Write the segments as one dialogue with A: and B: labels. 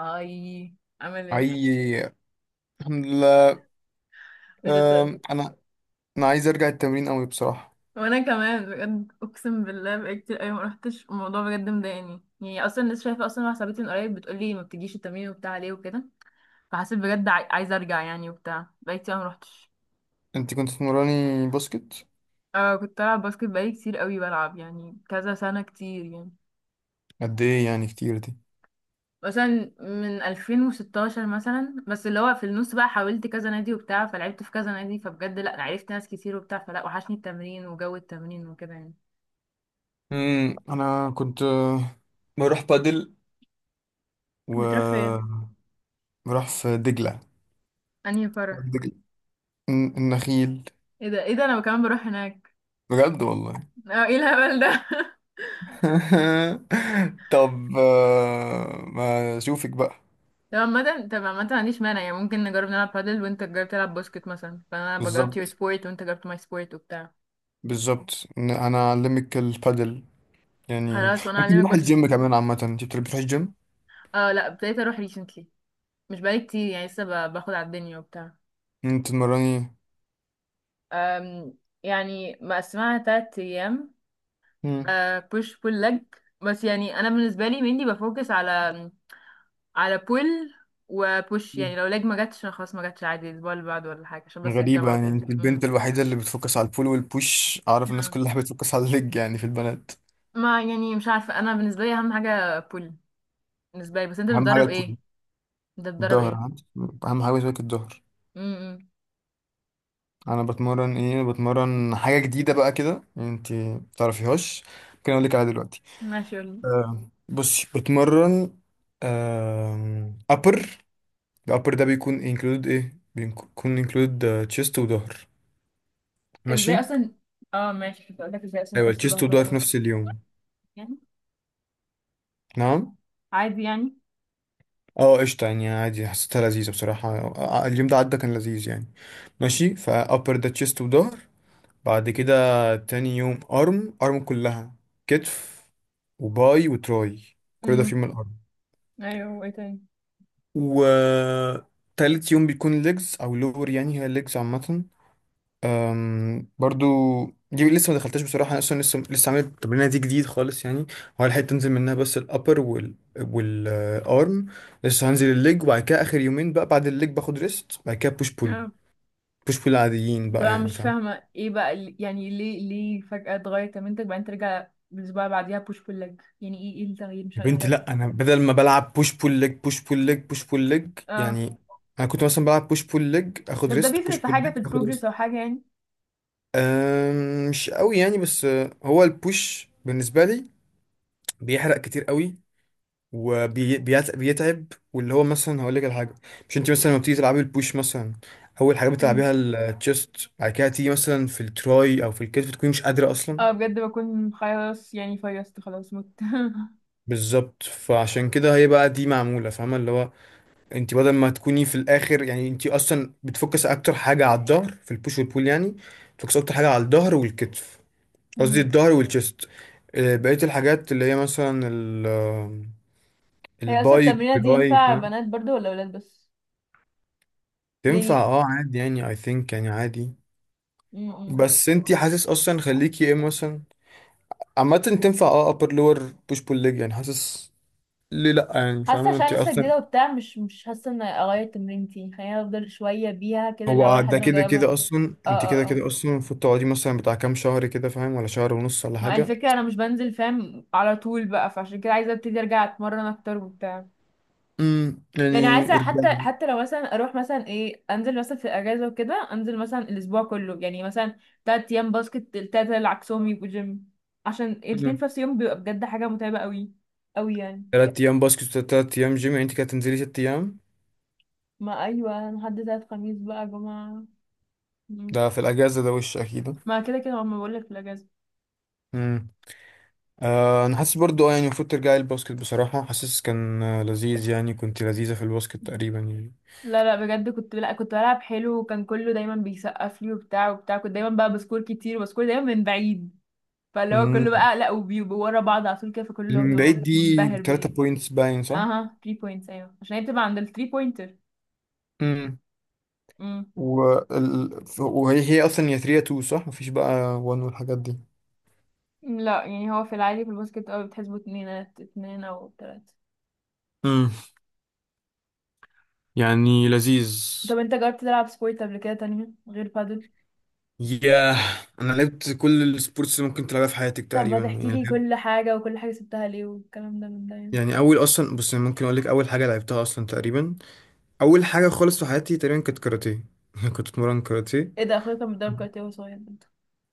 A: اي، عامل ايه؟
B: حقيقي. الحمد لله.
A: مش هصدق.
B: أم، انا انا عايز ارجع التمرين قوي بصراحه.
A: وانا كمان بجد اقسم بالله بقالي كتير قوي ما رحتش، الموضوع بجد مضايقني، يعني اصلا لسه شايفه اصلا واحده صاحبتي من قريب بتقولي ما بتجيش التمرين وبتاع ليه وكده. فحسيت بجد عايزه ارجع يعني وبتاع، بقالي كتير أوي ما رحتش.
B: انت كنت تمراني باسكت؟
A: اه كنت بلعب باسكت بقالي كتير قوي بلعب، يعني كذا سنه كتير يعني.
B: قد ايه يعني كتير دي؟
A: مثلا من 2016 مثلا، بس اللي هو في النص بقى حاولت كذا نادي وبتاع، فلعبت في كذا نادي، فبجد لا عرفت ناس كتير وبتاع، فلا وحشني التمرين وجو التمرين وكده يعني.
B: انا كنت بروح بادل
A: بتروح
B: و
A: فين؟
B: بروح في دجله.
A: انهي فرح؟
B: دجله، النخيل.
A: ايه ده ايه ده، انا كمان بروح هناك.
B: بجد والله.
A: اه ايه الهبل ده
B: طب، ما اشوفك بقى.
A: طب عامة طب عامة ما عنديش مانع يعني، ممكن نجرب نلعب بادل وانت تجرب تلعب باسكت مثلا، فانا بجربت يور
B: بالظبط،
A: سبورت وانت جربت ماي سبورت وبتاع.
B: بالظبط. إن انا اعلمك البادل يعني.
A: خلاص وانا
B: ممكن
A: اعلمك
B: نروح
A: باسكت.
B: الجيم كمان، عامه انت بتروحي الجيم؟
A: اه لا، ابتديت اروح ريسنتلي. مش بقالي كتير يعني، لسه باخد على الدنيا وبتاع.
B: انت تمرني.
A: أم يعني مقسمها تلات ايام.
B: مم.
A: أه بوش بول لج. بس يعني انا بالنسبة لي mainly بفوكس على على بول وبوش. يعني لو لاج ما جاتش أنا خلاص، ما جاتش عادي الاسبوع اللي بعده ولا حاجه، عشان بس
B: غريبة
A: الجامعه
B: يعني،
A: وكده
B: انت البنت الوحيدة اللي بتفوكس على البول والبوش. اعرف الناس
A: نعم.
B: كلها بتفوكس على الليج يعني، في البنات.
A: ما يعني مش عارفه، انا بالنسبه لي اهم حاجه بول. بالنسبه لي، بس انت
B: اهم حاجة
A: بتدرب
B: البول.
A: ايه؟ انت بتدرب
B: الظهر
A: ايه؟
B: ها؟ اهم حاجة بالنسبة لك الظهر.
A: امم.
B: انا بتمرن ايه؟ بتمرن حاجة جديدة بقى كده انت متعرفيهاش. ممكن اقول لك عليها دلوقتي.
A: ماشي قولي.
B: بصي، بتمرن ابر. الابر ده بيكون انكلود ايه؟ بيكون انكلود تشيست وظهر. ماشي.
A: ازاي اصلا؟ اه ماشي، كنت اقول لك ازاي اصلا
B: ايوه،
A: تسل
B: التشيست
A: ظهر في
B: وظهر
A: نفس
B: في
A: الوقت.
B: نفس اليوم.
A: يعني
B: نعم.
A: عادي يعني.
B: اه، قشطة يعني عادي، حسيتها لذيذة بصراحة. اليوم ده عدى كان لذيذ يعني. ماشي، فأبر ده تشيست وظهر. بعد كده تاني يوم أرم، أرم كلها: كتف وباي وتراي، كل ده في
A: امم.
B: يوم الأرم.
A: ايوه، وايه تاني؟
B: وتالت يوم بيكون ليجز أو لور، يعني هي ليجز عامة. برضو، دي لسه ما دخلتهاش بصراحه، انا اصلا لسه عامل التمرينه دي جديد خالص يعني. هو الحته تنزل منها بس الابر والارم، لسه هنزل الليج. وبعد كده اخر يومين بقى بعد الليج باخد ريست. بعد كده بوش بول،
A: اه
B: بوش بول عاديين بقى
A: طبعا
B: يعني،
A: مش
B: فاهم؟
A: فاهمة ايه بقى يعني ليه فجأة اتغير كمنتج، بعدين ترجع الأسبوع اللي بعديها بوش بول ليج، يعني ايه؟ ايه التغيير؟ مش
B: يا
A: عارفة ايه
B: بنتي
A: الفرق.
B: لا، انا بدل ما بلعب بوش بول ليج، بوش بول ليج، بوش بول ليج
A: اه
B: يعني، انا كنت مثلا بلعب بوش بول ليج، اخد
A: طب ده
B: ريست،
A: بيفرق
B: بوش
A: في
B: بول
A: حاجة في
B: ليج، اخد
A: البروجرس
B: ريست.
A: أو حاجة يعني؟
B: مش قوي يعني، بس هو البوش بالنسبه لي بيحرق كتير قوي وبيتعب. واللي هو مثلا، هقول لك على حاجه، مش انت مثلا لما بتيجي تلعبي البوش مثلا، اول حاجه بتلعبيها
A: امم.
B: التشيست، بعد كده تيجي مثلا في التراي او في الكتف تكوني مش قادره اصلا.
A: اه بجد بكون خلاص يعني، فيصت خلاص مت.
B: بالظبط، فعشان كده هي بقى دي معموله، فاهمه؟ اللي هو انت بدل ما تكوني في الاخر يعني، انت اصلا بتفكس اكتر حاجه على الظهر في البوش والبول يعني. بتفكس اكتر حاجه على الظهر والكتف، قصدي
A: امم.
B: الظهر والتشيست. بقيه الحاجات اللي هي مثلا
A: هي اصلا
B: الباي
A: التمرينه دي
B: تراي،
A: ينفع
B: فاهم.
A: بنات برضو ولا ولاد بس؟
B: تنفع
A: يعني
B: اه، عادي يعني. I think يعني عادي،
A: امم.
B: بس انتي حاسس اصلا خليكي ايه مثلا. عامة تنفع اه upper lower push pull leg يعني، حاسس ليه لأ يعني،
A: حاسه
B: فاهمة
A: عشان
B: انتي
A: لسه
B: اصلا.
A: جديده وبتاع، مش حاسه ان اغير تمرينتي، خليني افضل شويه بيها كده الاول
B: هو ده
A: لحد ما
B: كده
A: اجربها.
B: كده اصلا،
A: اه
B: انتي
A: اه
B: كده
A: اه.
B: كده اصلا المفروض تقعدي مثلا بتاع كام شهر كده، فاهم؟ ولا شهر ونص، ولا
A: ما
B: حاجة.
A: الفكرة أنا مش بنزل فاهم على طول بقى، فعشان كده عايزة ابتدي أرجع أتمرن أكتر وبتاع. يعني
B: يعني
A: عايزه حتى
B: ارجعي.
A: حتى لو مثلا اروح مثلا ايه، انزل مثلا في الاجازه وكده، انزل مثلا الاسبوع كله يعني مثلا. تلات ايام باسكت، التلاته العكسهم يبقوا جيم، عشان الاتنين
B: امم
A: في نفس اليوم بيبقى بجد حاجه متعبه قوي، قوي يعني.
B: تلات ايام باسكت، تلات ايام جيم يعني، انتي كده تنزلي 6 ايام.
A: ما ايوه لحد تلات خميس بقى يا جماعه. مم.
B: ده في الاجازة ده وش اكيد.
A: ما كده كده ما بقول لك في الاجازه.
B: امم انا حاسس برضو اه، يعني المفروض ترجعي الباسكت بصراحة. حاسس كان لذيذ يعني، كنت لذيذة في الباسكت تقريبا يعني.
A: لا لا بجد كنت، لا كنت بلعب حلو، وكان كله دايما بيسقف لي وبتاع وبتاع، كنت دايما بقى بسكور كتير وبسكور دايما من بعيد، فاللي هو كله
B: مم.
A: بقى لا، وبيبقوا ورا بعض على طول كده، فكله
B: من بعيد
A: بيبقى
B: دي
A: منبهر
B: 3
A: بيا.
B: بوينتس باين، صح؟
A: اها، 3 بوينتس، ايوه، عشان هي بتبقى عند ال 3 بوينتر.
B: امم
A: امم.
B: وهي اصلا يا 3 يا 2، صح؟ مفيش بقى 1 والحاجات دي.
A: لا يعني هو في العادي في الباسكت اه بتحسبوا اتنين اتنين او تلاتة.
B: امم يعني لذيذ.
A: طب انت جربت تلعب سبورت قبل كده تانية غير بادل؟
B: ياه، انا لعبت كل السبورتس اللي ممكن تلعبها في حياتك
A: طب ما
B: تقريبا
A: تحكي
B: يعني،
A: لي
B: لعبت
A: كل حاجة، وكل حاجة سبتها ليه والكلام ده من ده يعني.
B: يعني. اول اصلا، بص أنا ممكن اقول لك اول حاجه لعبتها اصلا تقريبا، اول حاجه خالص في حياتي تقريبا كانت كاراتيه. كنت اتمرن كاراتيه.
A: ايه ده، اخويا كان بيتدرب كاراتيه وهو صغير برضه.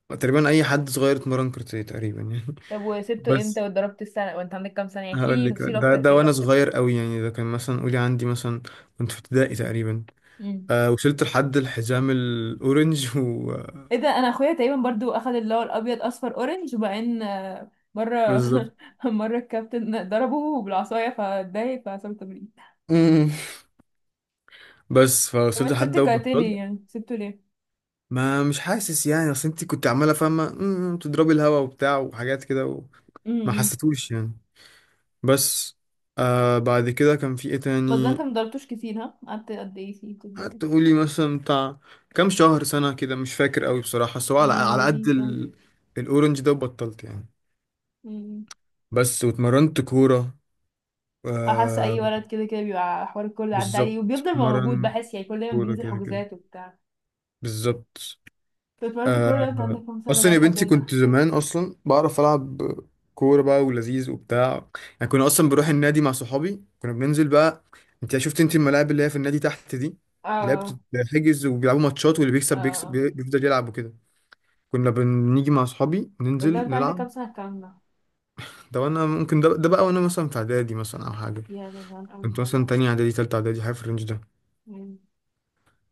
B: تقريبا اي حد صغير اتمرن كاراتيه تقريبا يعني.
A: طب وسبته امتى؟
B: بس
A: واتدربت السنة وانت عندك كام سنة؟
B: هقول
A: احكي
B: لك،
A: لي تفصيل
B: ده
A: اكتر
B: ده
A: كده.
B: وانا صغير قوي يعني، ده كان مثلا قولي عندي مثلا كنت في ابتدائي تقريبا.
A: امم.
B: وصلت لحد الحزام الاورنج و
A: ايه ده، انا اخويا تقريبا برضو اخد اللي هو الابيض اصفر اورنج، وبعدين مرة.
B: بالظبط.
A: مرة الكابتن ضربه بالعصاية فاتضايق، فعصام تمرين.
B: امم بس فوصلت
A: وانت
B: لحد
A: سبت
B: ده
A: الكاراتيه ليه؟
B: وبطلت.
A: يعني سبته ليه؟
B: ما مش حاسس يعني، اصل انت كنت عماله فاهمه تضربي الهوا وبتاع وحاجات كده وما
A: امم.
B: حسيتوش يعني. بس بعد كده كان في ايه
A: بس ده
B: تاني؟
A: انت مضربتوش كتير ها، قعدت قد ايه فيه بتتدرب؟
B: قعدت قولي مثلا بتاع كام شهر سنه كده، مش فاكر قوي بصراحه. بس هو على
A: يعني
B: على قد
A: لذيذ اه.
B: الاورنج ده وبطلت يعني.
A: امم.
B: بس، واتمرنت كورة.
A: احس اي
B: آه
A: ولد كده كده بيبقى حوار الكل عدى عليه،
B: بالظبط،
A: وبيفضل موجود
B: مرن
A: بحس يعني، كل دايما
B: كورة
A: بينزل
B: كده كده.
A: حجوزات وبتاع.
B: بالظبط.
A: طب اتمرنت كل ده انت
B: آه
A: عندك كام سنه
B: أصلا
A: بقى
B: يا
A: لحد
B: بنتي
A: امتى؟
B: كنت زمان أصلا بعرف ألعب كورة بقى، ولذيذ وبتاع يعني. كنا أصلا بروح النادي مع صحابي، كنا بننزل بقى. أنت شفت أنت الملاعب اللي هي في النادي تحت دي، اللي هي
A: اه
B: بتتحجز وبيلعبوا ماتشات، واللي بيكسب بيكسب،
A: اه.
B: بيفضل يلعب وكده. كنا بنيجي مع صحابي
A: بس ده
B: ننزل
A: انت عندك
B: نلعب.
A: كام سنه الكلام ده؟
B: ده وأنا ممكن ده بقى وأنا مثلا في إعدادي مثلا أو حاجة،
A: يا ده زمان قوي.
B: كنت مثلا تانية إعدادي تالتة إعدادي، حاجة في الرينج ده.
A: مم.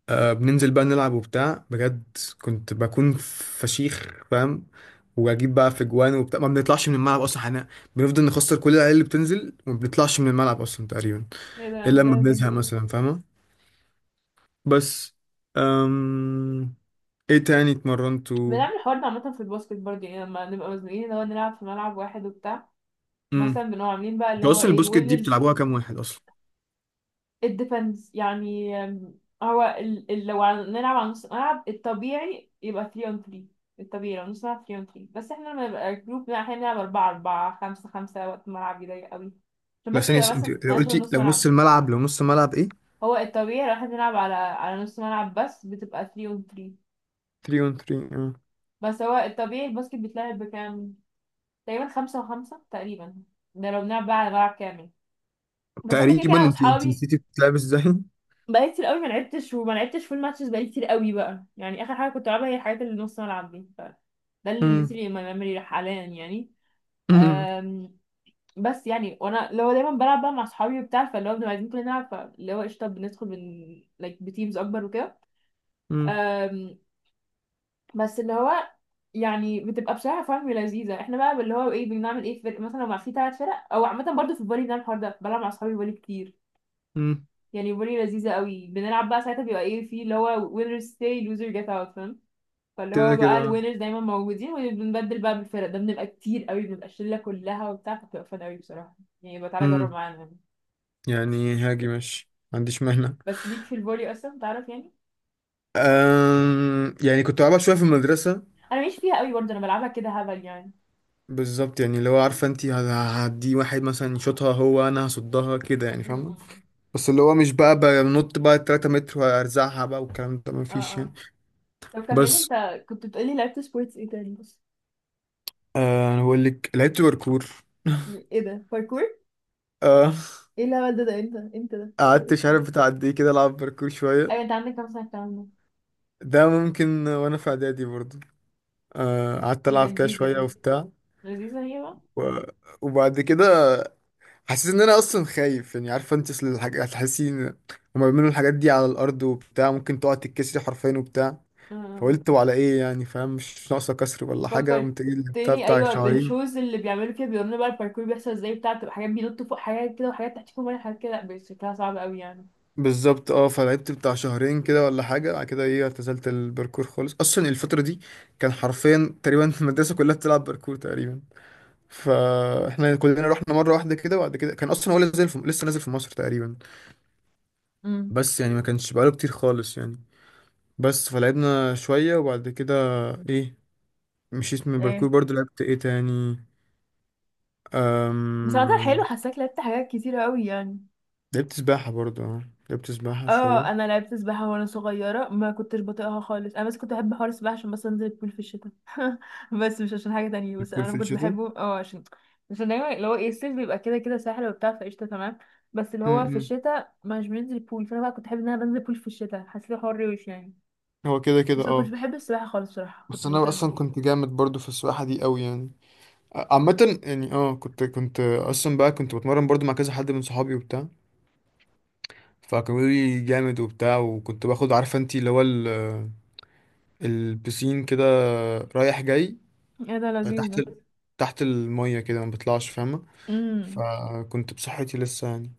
B: بننزل بقى نلعب وبتاع بجد. كنت بكون فشيخ فاهم، واجيب بقى في جوان وبتاع، ما بنطلعش من الملعب اصلا احنا، بنفضل نخسر كل العيال اللي بتنزل وما بنطلعش من الملعب اصلا تقريبا
A: ايه ده
B: الا لما
A: ده انت.
B: بنزهق مثلا، فاهمه. بس أم... ايه تاني اتمرنتوا؟
A: بنعمل الحوار ده عامة في الباسكت برضه، يعني لما نبقى مزنوقين اللي هو نلعب في ملعب واحد وبتاع. مثلا
B: امم
A: بنبقى عاملين بقى اللي
B: انتوا
A: هو
B: اصلا
A: ايه
B: البوسكت دي
A: وينرز.
B: بتلعبوها كام واحد اصلا؟
A: it depends يعني، هو لو نلعب على نص ملعب الطبيعي يبقى 3 on 3. الطبيعي لو نص ملعب 3 on 3، بس احنا لما نبقى جروب احنا بنلعب 4 4 5 5، وقت الملعب يضيق قوي، عشان
B: لا
A: بس
B: ثانيه،
A: يبقى
B: انت
A: مثلا
B: لو
A: ماشي
B: قلتي
A: نص ملعب.
B: لو نص الملعب ايه؟
A: هو الطبيعي لو احنا بنلعب على على نص ملعب بس بتبقى 3 on 3.
B: 3 on 3، اه.
A: بس هو الطبيعي الباسكت بيتلعب بكام؟ تقريبا 5 و5 تقريبا، ده لو بنلعب بقى على ملعب كامل. بس احنا كده كده
B: تقريبا
A: انا
B: انت،
A: واصحابي،
B: نسيتي بتلعب ازاي.
A: بقالي كتير قوي ما لعبتش، وما لعبتش فول ماتشز بقالي كتير قوي بقى يعني، اخر حاجه كنت العبها هي الحاجات اللي نص ملعب دي، ف ده اللي اللي
B: امم
A: سيبي ما ميموري حاليا يعني.
B: امم
A: أم، بس يعني وانا اللي هو دايما بلعب بقى مع اصحابي وبتاع، فاللي هو بنبقى عايزين كلنا نلعب، فاللي هو قشطه بندخل من like بتيمز اكبر وكده. أم، بس اللي هو، يعني بتبقى بصراحه فاهم لذيذه، احنا بقى اللي هو ايه، بنعمل ايه في فرق مثلا لو مع في ثلاث فرق او عامه برضو في الفولي، بنعمل الحوار ده، بلعب مع اصحابي فولي كتير
B: امم
A: يعني، فولي لذيذة قوي بنلعب بقى. ساعتها بيبقى ايه في اللي هو winners stay loser get out فاهم، فاللي
B: كده
A: هو بقى
B: كده.
A: الوينرز دايما موجودين، وبنبدل بقى بالفرق ده، بنبقى كتير قوي، بنبقى الشلة كلها وبتاع، فبتبقى فن قوي بصراحة. يعني يبقى تعالى جرب
B: امم
A: معانا يعني.
B: يعني هاجي ماشي، ما عنديش مانع.
A: بس ليك في الفولي اصلا تعرف يعني؟
B: يعني كنت بلعبها شويه في المدرسه.
A: انا ماليش فيها قوي برضه، انا بلعبها كده هبل يعني.
B: بالظبط، يعني اللي هو عارفه انت، هدي واحد مثلا يشوطها هو انا هصدها كده يعني، فاهمه.
A: م.
B: بس اللي هو مش بقى بنط بقى 3 متر وارزعها بقى والكلام ده، ما
A: اه
B: فيش يعني.
A: اه. طب كملي،
B: بس
A: انت كنت بتقولي لعبت سبورتس ايه تاني بس؟
B: انا بقول لك لعبت باركور.
A: ايه ده باركور؟
B: أه...
A: ايه الهبل ده، ده امتى ده؟
B: قعدت مش عارف بتاع قد ايه كده العب باركور شويه.
A: ايوه انت عندك كام سنة الكلام ده؟
B: ده ممكن وانا في اعدادي برضه. قعدت
A: ايه ده
B: العب كده
A: جديدة
B: شويه
A: دي،
B: وبتاع.
A: لذيذة هي بقى.
B: و... وبعد كده حسيت ان انا اصلا خايف يعني، عارفه انت اصل هتحسين، هما بيعملوا الحاجات دي على الارض وبتاع، ممكن تقعد تتكسري حرفيا وبتاع.
A: آه.
B: فقلت وعلى ايه يعني، فاهم؟ مش ناقصه كسر ولا حاجه. قمت جاي لعبتها
A: فكرتني
B: بتاع
A: ايوه
B: شهرين.
A: بالشوز اللي بيعملوا كده بيورينا بقى الباركور بيحصل ازاي بتاع، بتبقى حاجات بينطوا فوق حاجات كده، وحاجات تحت فوق حاجات كده، لا شكلها صعب قوي يعني.
B: بالظبط اه، فلعبت بتاع شهرين كده ولا حاجه. بعد كده ايه، اعتزلت الباركور خالص اصلا الفتره دي. كان حرفيا تقريبا المدرسه كلها بتلعب باركور تقريبا، فاحنا كلنا رحنا مره واحده كده. وبعد كده كان اصلا هو لسه نازل في مصر تقريبا،
A: امم.
B: بس يعني ما كانش بقاله كتير خالص يعني. بس فلعبنا شوية وبعد كده ايه، مشيت من الباركور.
A: ايه
B: برضو لعبت ايه تاني؟
A: بس عامة حلو،
B: أم...
A: حاساك لعبت حاجات كتير قوي يعني.
B: لعبت سباحة برضو اه، لعبت سباحة
A: اه
B: شوية.
A: انا لعبت سباحة وانا صغيرة، ما كنتش بطيقها خالص، انا بس كنت بحب حوار السباحة عشان بس انزل البول في الشتاء. بس مش عشان حاجة تانية، بس
B: بتكون
A: انا ما
B: في
A: كنتش
B: الشتاء.
A: بحبه، اه عشان، عشان دايما اللي هو ايه، الصيف بيبقى كده كده ساحل وبتاع، فقشطة تمام. بس اللي هو في
B: م-م.
A: الشتاء مش بننزل البول، فانا بقى كنت بحب ان انا بنزل البول في الشتاء، حسيت حوار روش يعني.
B: هو كده كده
A: بس ما كنتش
B: اه.
A: بحب السباحة خالص صراحة،
B: بس
A: كنتش
B: انا
A: بطيقها.
B: اصلا كنت جامد برضو في السباحة دي قوي يعني. عامة يعني اه، كنت اصلا بقى كنت بتمرن برضو مع كذا حد من صحابي وبتاع، فكانوا بيقولوا لي جامد وبتاع. وكنت باخد عارفة انتي اللي هو البسين كده رايح جاي
A: ايه ده لذيذ
B: تحت
A: ده.
B: ال- تحت المية كده، ما بطلعش فاهمة.
A: امم.
B: فكنت بصحتي لسه يعني.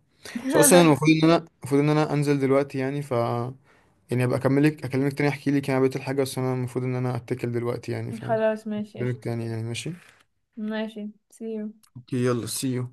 B: بس اصلا انا المفروض ان انا انزل دلوقتي يعني، يعني ابقى اكلمك تاني، احكي لك يعني بقيت الحاجه. بس انا المفروض ان انا اتكل دلوقتي يعني،
A: خلاص ماشي
B: فاكلمك
A: قشطة.
B: تاني يعني. ماشي،
A: ماشي، سيو.
B: اوكي، يلا سي يو.